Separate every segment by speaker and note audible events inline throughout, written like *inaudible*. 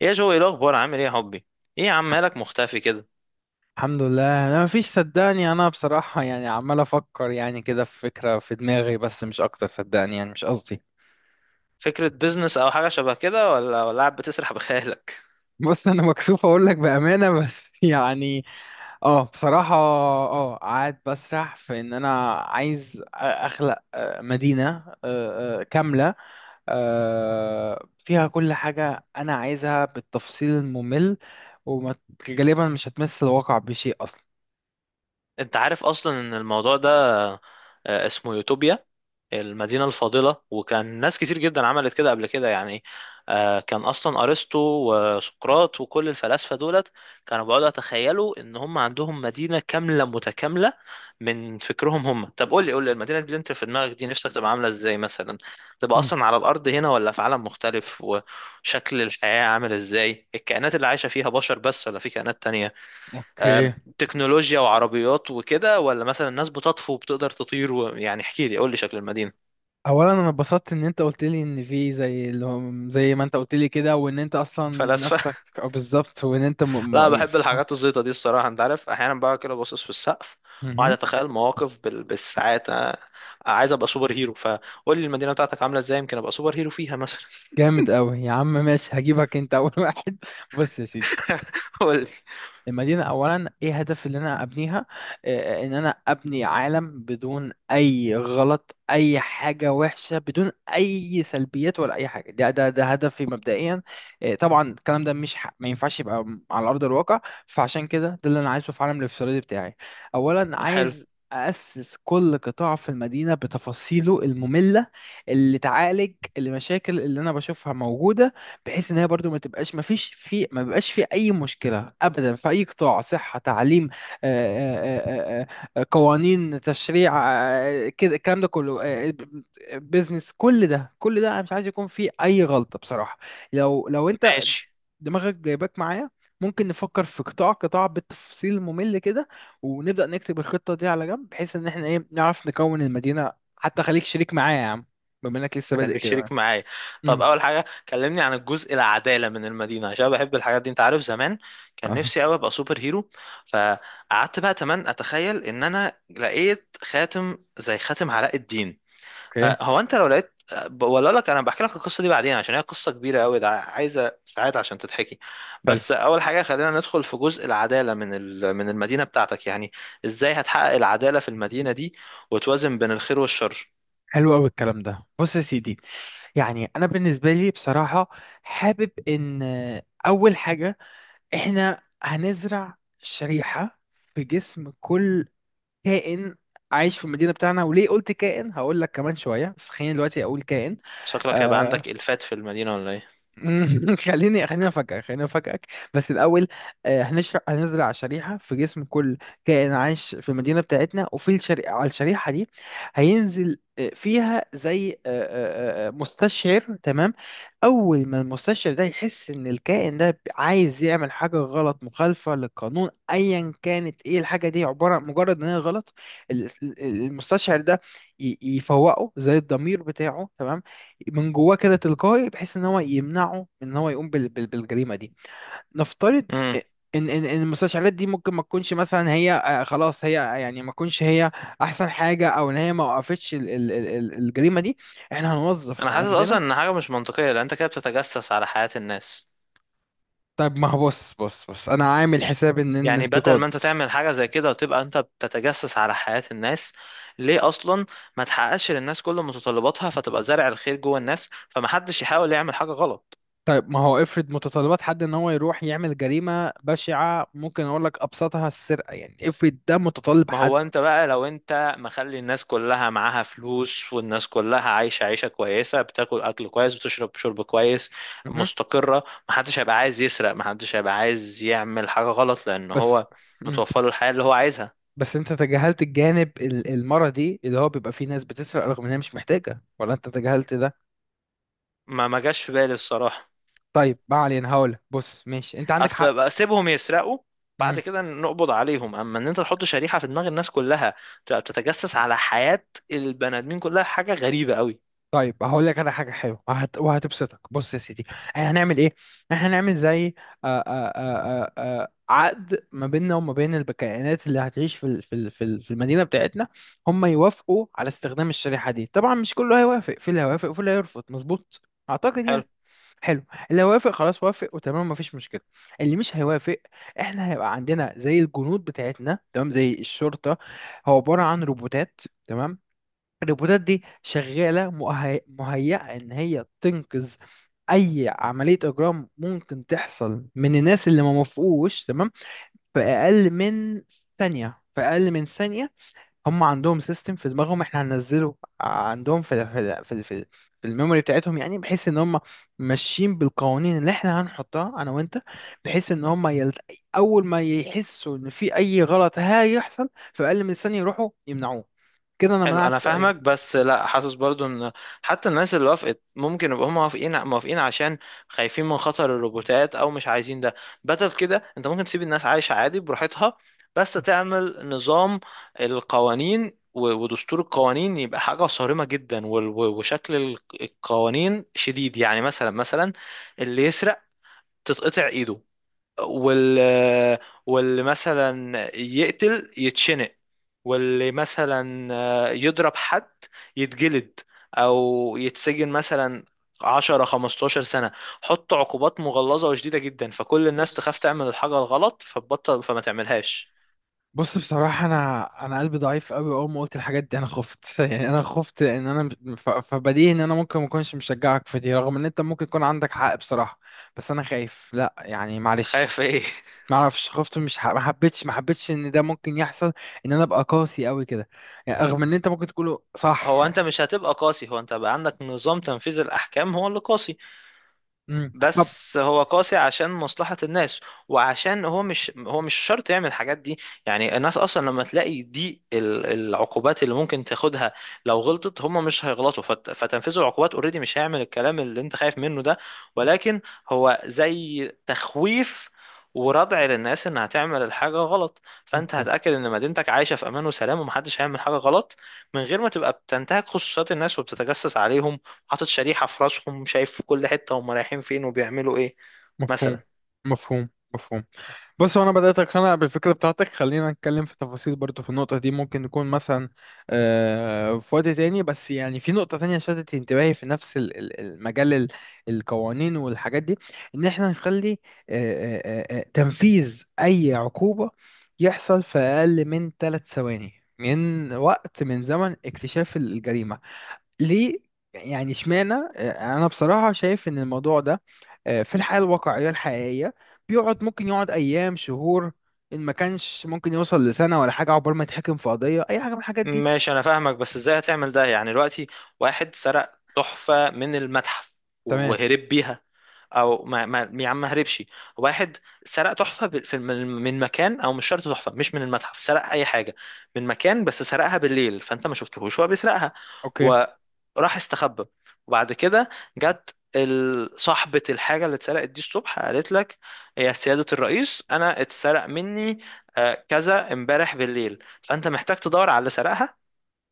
Speaker 1: يا جو، ايه الاخبار؟ عامل ايه يا حبي؟ ايه يا عم، مالك مختفي كده؟
Speaker 2: الحمد لله، انا مفيش. صدقني انا بصراحة، يعني عمال افكر، يعني كده في فكرة في دماغي، بس مش اكتر. صدقني يعني مش قصدي.
Speaker 1: فكرة بيزنس او حاجة شبه كده ولا قاعد بتسرح بخيالك؟
Speaker 2: بص، انا مكسوف اقول لك بأمانة بس *laughs* يعني، اه، بصراحة، قاعد بسرح في ان انا عايز اخلق مدينة كاملة، فيها كل حاجة انا عايزها بالتفصيل الممل، وغالبا مش هتمس الواقع بشيء اصلا.
Speaker 1: *laughs* انت عارف اصلا ان الموضوع ده اسمه يوتوبيا، المدينة الفاضلة، وكان ناس كتير جدا عملت كده قبل كده يعني. كان أصلا أرسطو وسقراط وكل الفلاسفة دولت كانوا بيقعدوا يتخيلوا إن هم عندهم مدينة كاملة متكاملة من فكرهم هم. طب قول لي، قول لي المدينة دي أنت في دماغك دي نفسك تبقى عاملة إزاي مثلا؟ تبقى
Speaker 2: مم.
Speaker 1: أصلا على الأرض هنا ولا في عالم مختلف؟ وشكل الحياة عامل إزاي؟ الكائنات اللي عايشة فيها بشر بس ولا في كائنات تانية؟
Speaker 2: اوكي.
Speaker 1: تكنولوجيا وعربيات وكده ولا مثلا الناس بتطفو وبتقدر تطير يعني احكي لي، قول لي شكل المدينة.
Speaker 2: اولا، انا اتبسطت ان انت قلت لي ان في، زي اللي هو، زي ما انت قلت لي كده، وان انت اصلا
Speaker 1: فلاسفة.
Speaker 2: نفسك أو بالظبط، وان انت
Speaker 1: *laughs* لا،
Speaker 2: م...
Speaker 1: بحب الحاجات الزيطة دي الصراحة. انت عارف احيانا بقى كده باصص في السقف وقاعد
Speaker 2: مهم.
Speaker 1: اتخيل مواقف بالساعات. أنا عايز ابقى سوبر هيرو، فقول لي المدينة بتاعتك عاملة ازاي يمكن ابقى سوبر هيرو فيها مثلا.
Speaker 2: جامد قوي يا عم، ماشي، هجيبك انت اول *laughs* واحد. بص يا سيدي،
Speaker 1: *laughs* قول لي.
Speaker 2: المدينة، أولا إيه هدف اللي أنا أبنيها؟ إن أنا أبني عالم بدون أي غلط، أي حاجة وحشة، بدون أي سلبيات ولا أي حاجة، ده هدفي مبدئيا. طبعا الكلام ده مش ما ينفعش يبقى على أرض الواقع. فعشان كده، ده اللي أنا عايزه في عالم الافتراضي بتاعي. أولا
Speaker 1: حلو.
Speaker 2: عايز أسس كل قطاع في المدينة بتفاصيله المملة، اللي تعالج المشاكل اللي أنا بشوفها موجودة، بحيث ان هي برضو ما تبقاش ما فيش في ما بيبقاش في اي مشكله ابدا، في اي قطاع، صحه، تعليم، آه، آه، آه، آه، قوانين، تشريع، كده الكلام ده كله، بيزنس، كل ده كل ده انا مش عايز يكون فيه اي غلطه بصراحه. لو انت
Speaker 1: ماشي.
Speaker 2: دماغك جايباك معايا، ممكن نفكر في قطاع قطاع بالتفصيل ممل كده، ونبدا نكتب الخطه دي على جنب، بحيث ان احنا، ايه، نعرف نكون المدينه. حتى خليك شريك معايا يا عم، بما انك لسه
Speaker 1: خليك
Speaker 2: بادئ
Speaker 1: شريك
Speaker 2: كده.
Speaker 1: معايا. طب
Speaker 2: مم.
Speaker 1: اول حاجة، كلمني عن الجزء العدالة من المدينة عشان بحب الحاجات دي. انت عارف زمان
Speaker 2: *laughs*
Speaker 1: كان
Speaker 2: اه،
Speaker 1: نفسي قوي ابقى سوبر هيرو، فقعدت بقى تمام اتخيل ان انا لقيت خاتم زي خاتم علاء الدين.
Speaker 2: اوكي.
Speaker 1: فهو انت لو لقيت ولا أقول لك، انا بحكي لك القصه دي بعدين عشان هي قصه كبيره قوي، ده عايزه ساعات عشان تتحكي. بس اول حاجه، خلينا ندخل في جزء العداله من من المدينه بتاعتك يعني. ازاي هتحقق العداله في المدينه دي وتوازن بين الخير والشر؟
Speaker 2: حلو قوي الكلام ده. بص يا سيدي، يعني انا بالنسبه لي بصراحه، حابب ان، اول حاجه، احنا هنزرع شريحه في جسم كل كائن عايش في المدينه بتاعنا. وليه قلت كائن؟ هقول لك كمان شويه، بس خليني دلوقتي اقول كائن.
Speaker 1: شكلك هيبقى
Speaker 2: آه،
Speaker 1: عندك الفات في المدينه ولا ايه؟
Speaker 2: *laughs* خليني افاجئك. بس الاول، هنزرع شريحه في جسم كل كائن عايش في المدينه بتاعتنا، على الشريحه دي هينزل، فيها زي مستشعر. تمام، اول ما المستشعر ده يحس ان الكائن ده عايز يعمل حاجه غلط مخالفه للقانون، ايا كانت ايه الحاجه دي، عباره مجرد ان هي غلط، المستشعر ده يفوقه زي الضمير بتاعه، تمام، من جواه كده تلقائي، بحيث ان هو يمنعه من ان هو يقوم بالجريمه دي. نفترض
Speaker 1: امم.
Speaker 2: ان ان إن المستشعرات دي ممكن ما تكونش، مثلا، هي خلاص، هي يعني ما تكونش هي احسن حاجه، او ان هي ما وقفتش الجريمه دي. احنا هنوظف
Speaker 1: انا حاسس اصلا
Speaker 2: عندنا.
Speaker 1: ان حاجه مش منطقيه لان انت كده بتتجسس على حياه الناس.
Speaker 2: طيب ما هو، بص، انا عامل حساب ان
Speaker 1: يعني بدل
Speaker 2: الانتقاد.
Speaker 1: ما انت تعمل حاجة زي كده وتبقى انت بتتجسس على حياة الناس، ليه اصلا ما تحققش للناس كل متطلباتها فتبقى زارع الخير جوه الناس فمحدش يحاول يعمل حاجة غلط؟
Speaker 2: طيب ما هو، افرض متطلبات حد ان هو يروح يعمل جريمه بشعه، ممكن اقول لك ابسطها السرقه، يعني افرض ده متطلب
Speaker 1: ما
Speaker 2: حد.
Speaker 1: هو انت بقى لو انت مخلي الناس كلها معاها فلوس والناس كلها عايشة عيشة كويسة، بتاكل اكل كويس وتشرب شرب كويس،
Speaker 2: مهم.
Speaker 1: مستقرة، محدش هيبقى عايز يسرق، محدش هيبقى عايز يعمل حاجة غلط لان
Speaker 2: بس
Speaker 1: هو متوفر له الحياة اللي هو عايزها.
Speaker 2: بس انت تجاهلت الجانب المرضي، اللي هو بيبقى فيه ناس بتسرق رغم ان هي مش محتاجة، ولا انت تجاهلت ده.
Speaker 1: ما جاش في بالي الصراحة.
Speaker 2: طيب ما علينا، هقولك بص ماشي، انت عندك
Speaker 1: اصل
Speaker 2: حق.
Speaker 1: بقى سيبهم يسرقوا بعد
Speaker 2: مم.
Speaker 1: كده نقبض عليهم. اما ان انت تحط شريحة في دماغ الناس كلها تبقى بتتجسس على حياة البني ادمين كلها، حاجة غريبة قوي.
Speaker 2: طيب هقول لك انا حاجة حلوة وهتبسطك. بص يا سيدي، احنا هنعمل ايه؟ احنا هنعمل زي عقد ما بيننا وما بين الكائنات اللي هتعيش في المدينة بتاعتنا. هم يوافقوا على استخدام الشريحة دي. طبعا مش كله هيوافق، في اللي هيوافق وفي اللي هيرفض، مظبوط، اعتقد
Speaker 1: حلو.
Speaker 2: يعني. حلو. اللي هيوافق خلاص، وافق وتمام، مفيش مشكله. اللي مش هيوافق، احنا هيبقى عندنا زي الجنود بتاعتنا، تمام، زي الشرطه، هو عباره عن روبوتات. تمام. الروبوتات دي شغاله مهيئه ان هي تنقذ اي عمليه اجرام ممكن تحصل من الناس اللي ما موافقوش، تمام، في اقل من ثانيه، في اقل من ثانيه. هم عندهم سيستم في دماغهم احنا هننزله عندهم في الميموري بتاعتهم يعني، بحيث ان هم ماشيين بالقوانين اللي احنا هنحطها انا وانت، بحيث ان هم اول ما يحسوا ان في اي غلط هيحصل، في اقل من ثانية يروحوا يمنعوه. كده انا
Speaker 1: حلو، انا
Speaker 2: منعت اي...
Speaker 1: فاهمك بس لا، حاسس برضو ان حتى الناس اللي وافقت ممكن يبقوا هم موافقين عشان خايفين من خطر الروبوتات او مش عايزين ده. بدل كده انت ممكن تسيب الناس عايشة عادي براحتها، بس تعمل نظام القوانين ودستور القوانين يبقى حاجة صارمة جدا، وشكل القوانين شديد. يعني مثلا اللي يسرق تتقطع ايده، وال واللي مثلا يقتل يتشنق، واللي مثلا يضرب حد يتجلد او يتسجن مثلا 10 15 سنة. حط عقوبات مغلظة وشديدة جدا فكل الناس تخاف
Speaker 2: بص
Speaker 1: تعمل الحاجة الغلط فتبطل فما تعملهاش.
Speaker 2: بص بصراحة، أنا قلبي ضعيف أوي، أول ما قلت الحاجات دي أنا خفت *laughs* يعني، أنا خفت إن أنا، فبديهي إن أنا ممكن ما أكونش مشجعك في دي، رغم إن أنت ممكن يكون عندك حق بصراحة. بس أنا خايف، لأ يعني،
Speaker 1: خايف
Speaker 2: معلش.
Speaker 1: ايه؟ *laughs*
Speaker 2: ما اعرفش، خفت، مش ح... ما حبيتش ان ده ممكن يحصل، ان انا ابقى قاسي قوي كده يعني، رغم ان انت ممكن تقوله صح
Speaker 1: هو انت
Speaker 2: يعني.
Speaker 1: مش هتبقى قاسي، هو انت بقى عندك نظام تنفيذ الاحكام هو اللي قاسي.
Speaker 2: مم. طب...
Speaker 1: بس هو قاسي عشان مصلحة الناس، وعشان هو مش، هو مش شرط يعمل الحاجات دي. يعني الناس أصلا لما تلاقي دي العقوبات اللي ممكن تاخدها لو غلطت، هم مش هيغلطوا، فتنفيذ العقوبات اوريدي مش هيعمل الكلام اللي انت خايف منه ده. ولكن هو زي تخويف وردع للناس انها تعمل الحاجة غلط، فانت
Speaker 2: مفهوم،
Speaker 1: هتأكد ان مدينتك عايشة في امان وسلام ومحدش هيعمل حاجة غلط من غير ما تبقى بتنتهك خصوصيات الناس وبتتجسس عليهم، حاطط شريحة في راسهم، شايف في كل حتة هم رايحين فين وبيعملوا ايه
Speaker 2: مفهوم،
Speaker 1: مثلا.
Speaker 2: مفهوم، مفهوم. بص، هو انا بدات اقتنع بالفكره بتاعتك، خلينا نتكلم في تفاصيل برضو في النقطه دي، ممكن نكون مثلا في وقت تاني. بس يعني في نقطه تانية شدت انتباهي في نفس المجال القوانين والحاجات دي، ان احنا نخلي تنفيذ اي عقوبه يحصل في اقل من 3 ثواني، من زمن اكتشاف الجريمه. ليه؟ يعني اشمعنى؟ انا بصراحه شايف ان الموضوع ده في الحياه الواقعيه الحقيقيه، ممكن يقعد ايام، شهور، ان ما كانش ممكن يوصل لسنه ولا حاجه، عقبال ما يتحكم في قضيه اي حاجه من الحاجات دي.
Speaker 1: ماشي انا فاهمك بس ازاي هتعمل ده؟ يعني دلوقتي واحد سرق تحفة من المتحف
Speaker 2: تمام.
Speaker 1: وهرب بيها، او ما يا عم ما هربش، واحد سرق تحفة من من مكان، او مش شرط تحفة مش من المتحف، سرق اي حاجة من مكان بس سرقها بالليل فانت ما شفتهوش وهو بيسرقها
Speaker 2: اوكي.
Speaker 1: وراح استخبى. وبعد كده جت صاحبة الحاجة اللي اتسرقت دي الصبح قالت لك: يا سيادة الرئيس، أنا اتسرق مني كذا امبارح بالليل. فانت محتاج تدور على اللي سرقها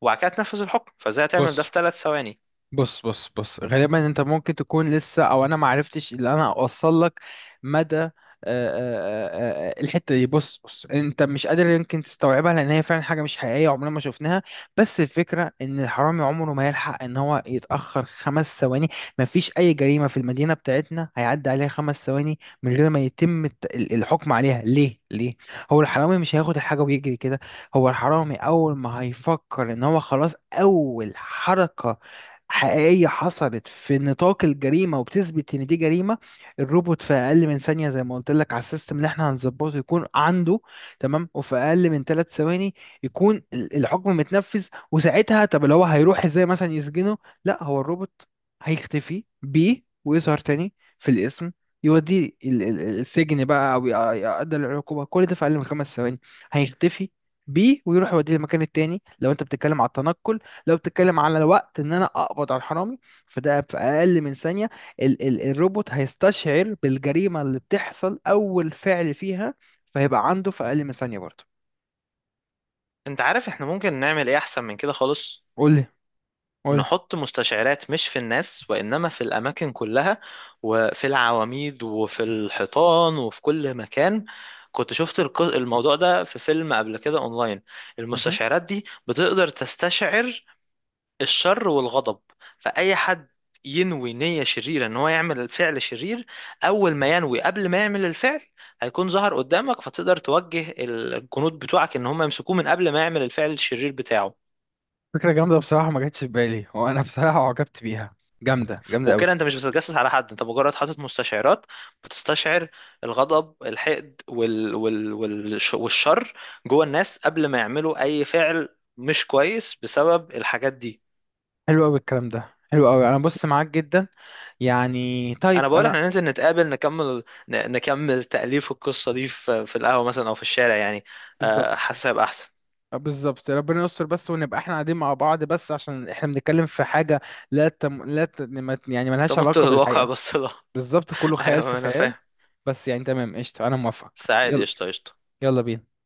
Speaker 1: وبعد كده تنفذ الحكم، فازاي هتعمل ده
Speaker 2: بص
Speaker 1: في 3 ثواني؟
Speaker 2: بص بص بص غالبا انت ممكن تكون لسه، او انا ما عرفتش اللي انا اوصل لك مدى الحته دي. بص، انت مش قادر يمكن تستوعبها، لان هي فعلا حاجه مش حقيقيه، عمرنا ما شفناها. بس الفكره ان الحرامي عمره ما يلحق ان هو يتاخر 5 ثواني. ما فيش اي جريمه في المدينه بتاعتنا هيعدي عليها 5 ثواني من غير ما يتم الحكم عليها. ليه، ليه؟ هو الحرامي مش هياخد الحاجه ويجري كده. هو الحرامي اول ما هيفكر ان هو خلاص، اول حركه حقيقية حصلت في نطاق الجريمة وبتثبت إن دي جريمة، الروبوت في أقل من ثانية زي ما قلت لك، على السيستم اللي إحنا هنظبطه يكون عنده. تمام، وفي أقل من 3 ثواني يكون الحكم متنفذ. وساعتها، طب اللي هو هيروح إزاي مثلا يسجنه؟ لا، هو الروبوت هيختفي بيه ويظهر تاني في الاسم، يوديه السجن بقى، أو يقدر العقوبة، كل ده في أقل من 5 ثواني. هيختفي بيه ويروح يوديه المكان التاني لو أنت بتتكلم على التنقل. لو بتتكلم على الوقت ان انا اقبض على الحرامي، فده في اقل من ثانيه، ال ال الروبوت هيستشعر بالجريمه اللي بتحصل اول فعل فيها، فهيبقى عنده في اقل من ثانيه برضه.
Speaker 1: انت عارف احنا ممكن نعمل ايه احسن من كده خالص؟
Speaker 2: قول لي، قول لي.
Speaker 1: نحط مستشعرات مش في الناس وانما في الاماكن كلها وفي العواميد وفي الحيطان وفي كل مكان. كنت شفت الموضوع ده في فيلم قبل كده اونلاين.
Speaker 2: مهم.
Speaker 1: المستشعرات دي بتقدر تستشعر الشر والغضب. فأي حد ينوي نية شريرة ان هو يعمل فعل شرير، اول ما ينوي قبل ما يعمل الفعل هيكون ظهر قدامك فتقدر توجه الجنود بتوعك ان هم يمسكوه من قبل ما يعمل الفعل الشرير بتاعه.
Speaker 2: فكره جامده بصراحه، ما جاتش في بالي، وانا بصراحه عجبت بيها. جامده جامده قوي.
Speaker 1: وكده انت مش بتتجسس على حد، انت مجرد حاطط مستشعرات بتستشعر الغضب، الحقد، والشر جوه الناس قبل ما يعملوا اي فعل مش كويس بسبب الحاجات دي.
Speaker 2: حلو قوي الكلام ده، حلو قوي، انا بص معاك جدا يعني.
Speaker 1: انا
Speaker 2: طيب
Speaker 1: بقول
Speaker 2: انا...
Speaker 1: احنا ننزل نتقابل نكمل، نكمل تأليف القصة دي في القهوة مثلا او في الشارع يعني.
Speaker 2: بالظبط.
Speaker 1: حاسس هيبقى احسن.
Speaker 2: بالظبط ربنا يستر بس، ونبقى احنا قاعدين مع بعض، بس عشان احنا بنتكلم في حاجه لا تم... لا ت... ما- يعني
Speaker 1: انت
Speaker 2: ملهاش
Speaker 1: مت
Speaker 2: علاقه
Speaker 1: للواقع
Speaker 2: بالحقيقه.
Speaker 1: بس *laughs* لا.
Speaker 2: بالظبط، كله خيال في
Speaker 1: ايوه انا
Speaker 2: خيال.
Speaker 1: فاهم.
Speaker 2: بس يعني تمام، قشطة، أنا موافق.
Speaker 1: سعيد.
Speaker 2: يلا،
Speaker 1: قشطة، قشطة.
Speaker 2: يلا بينا.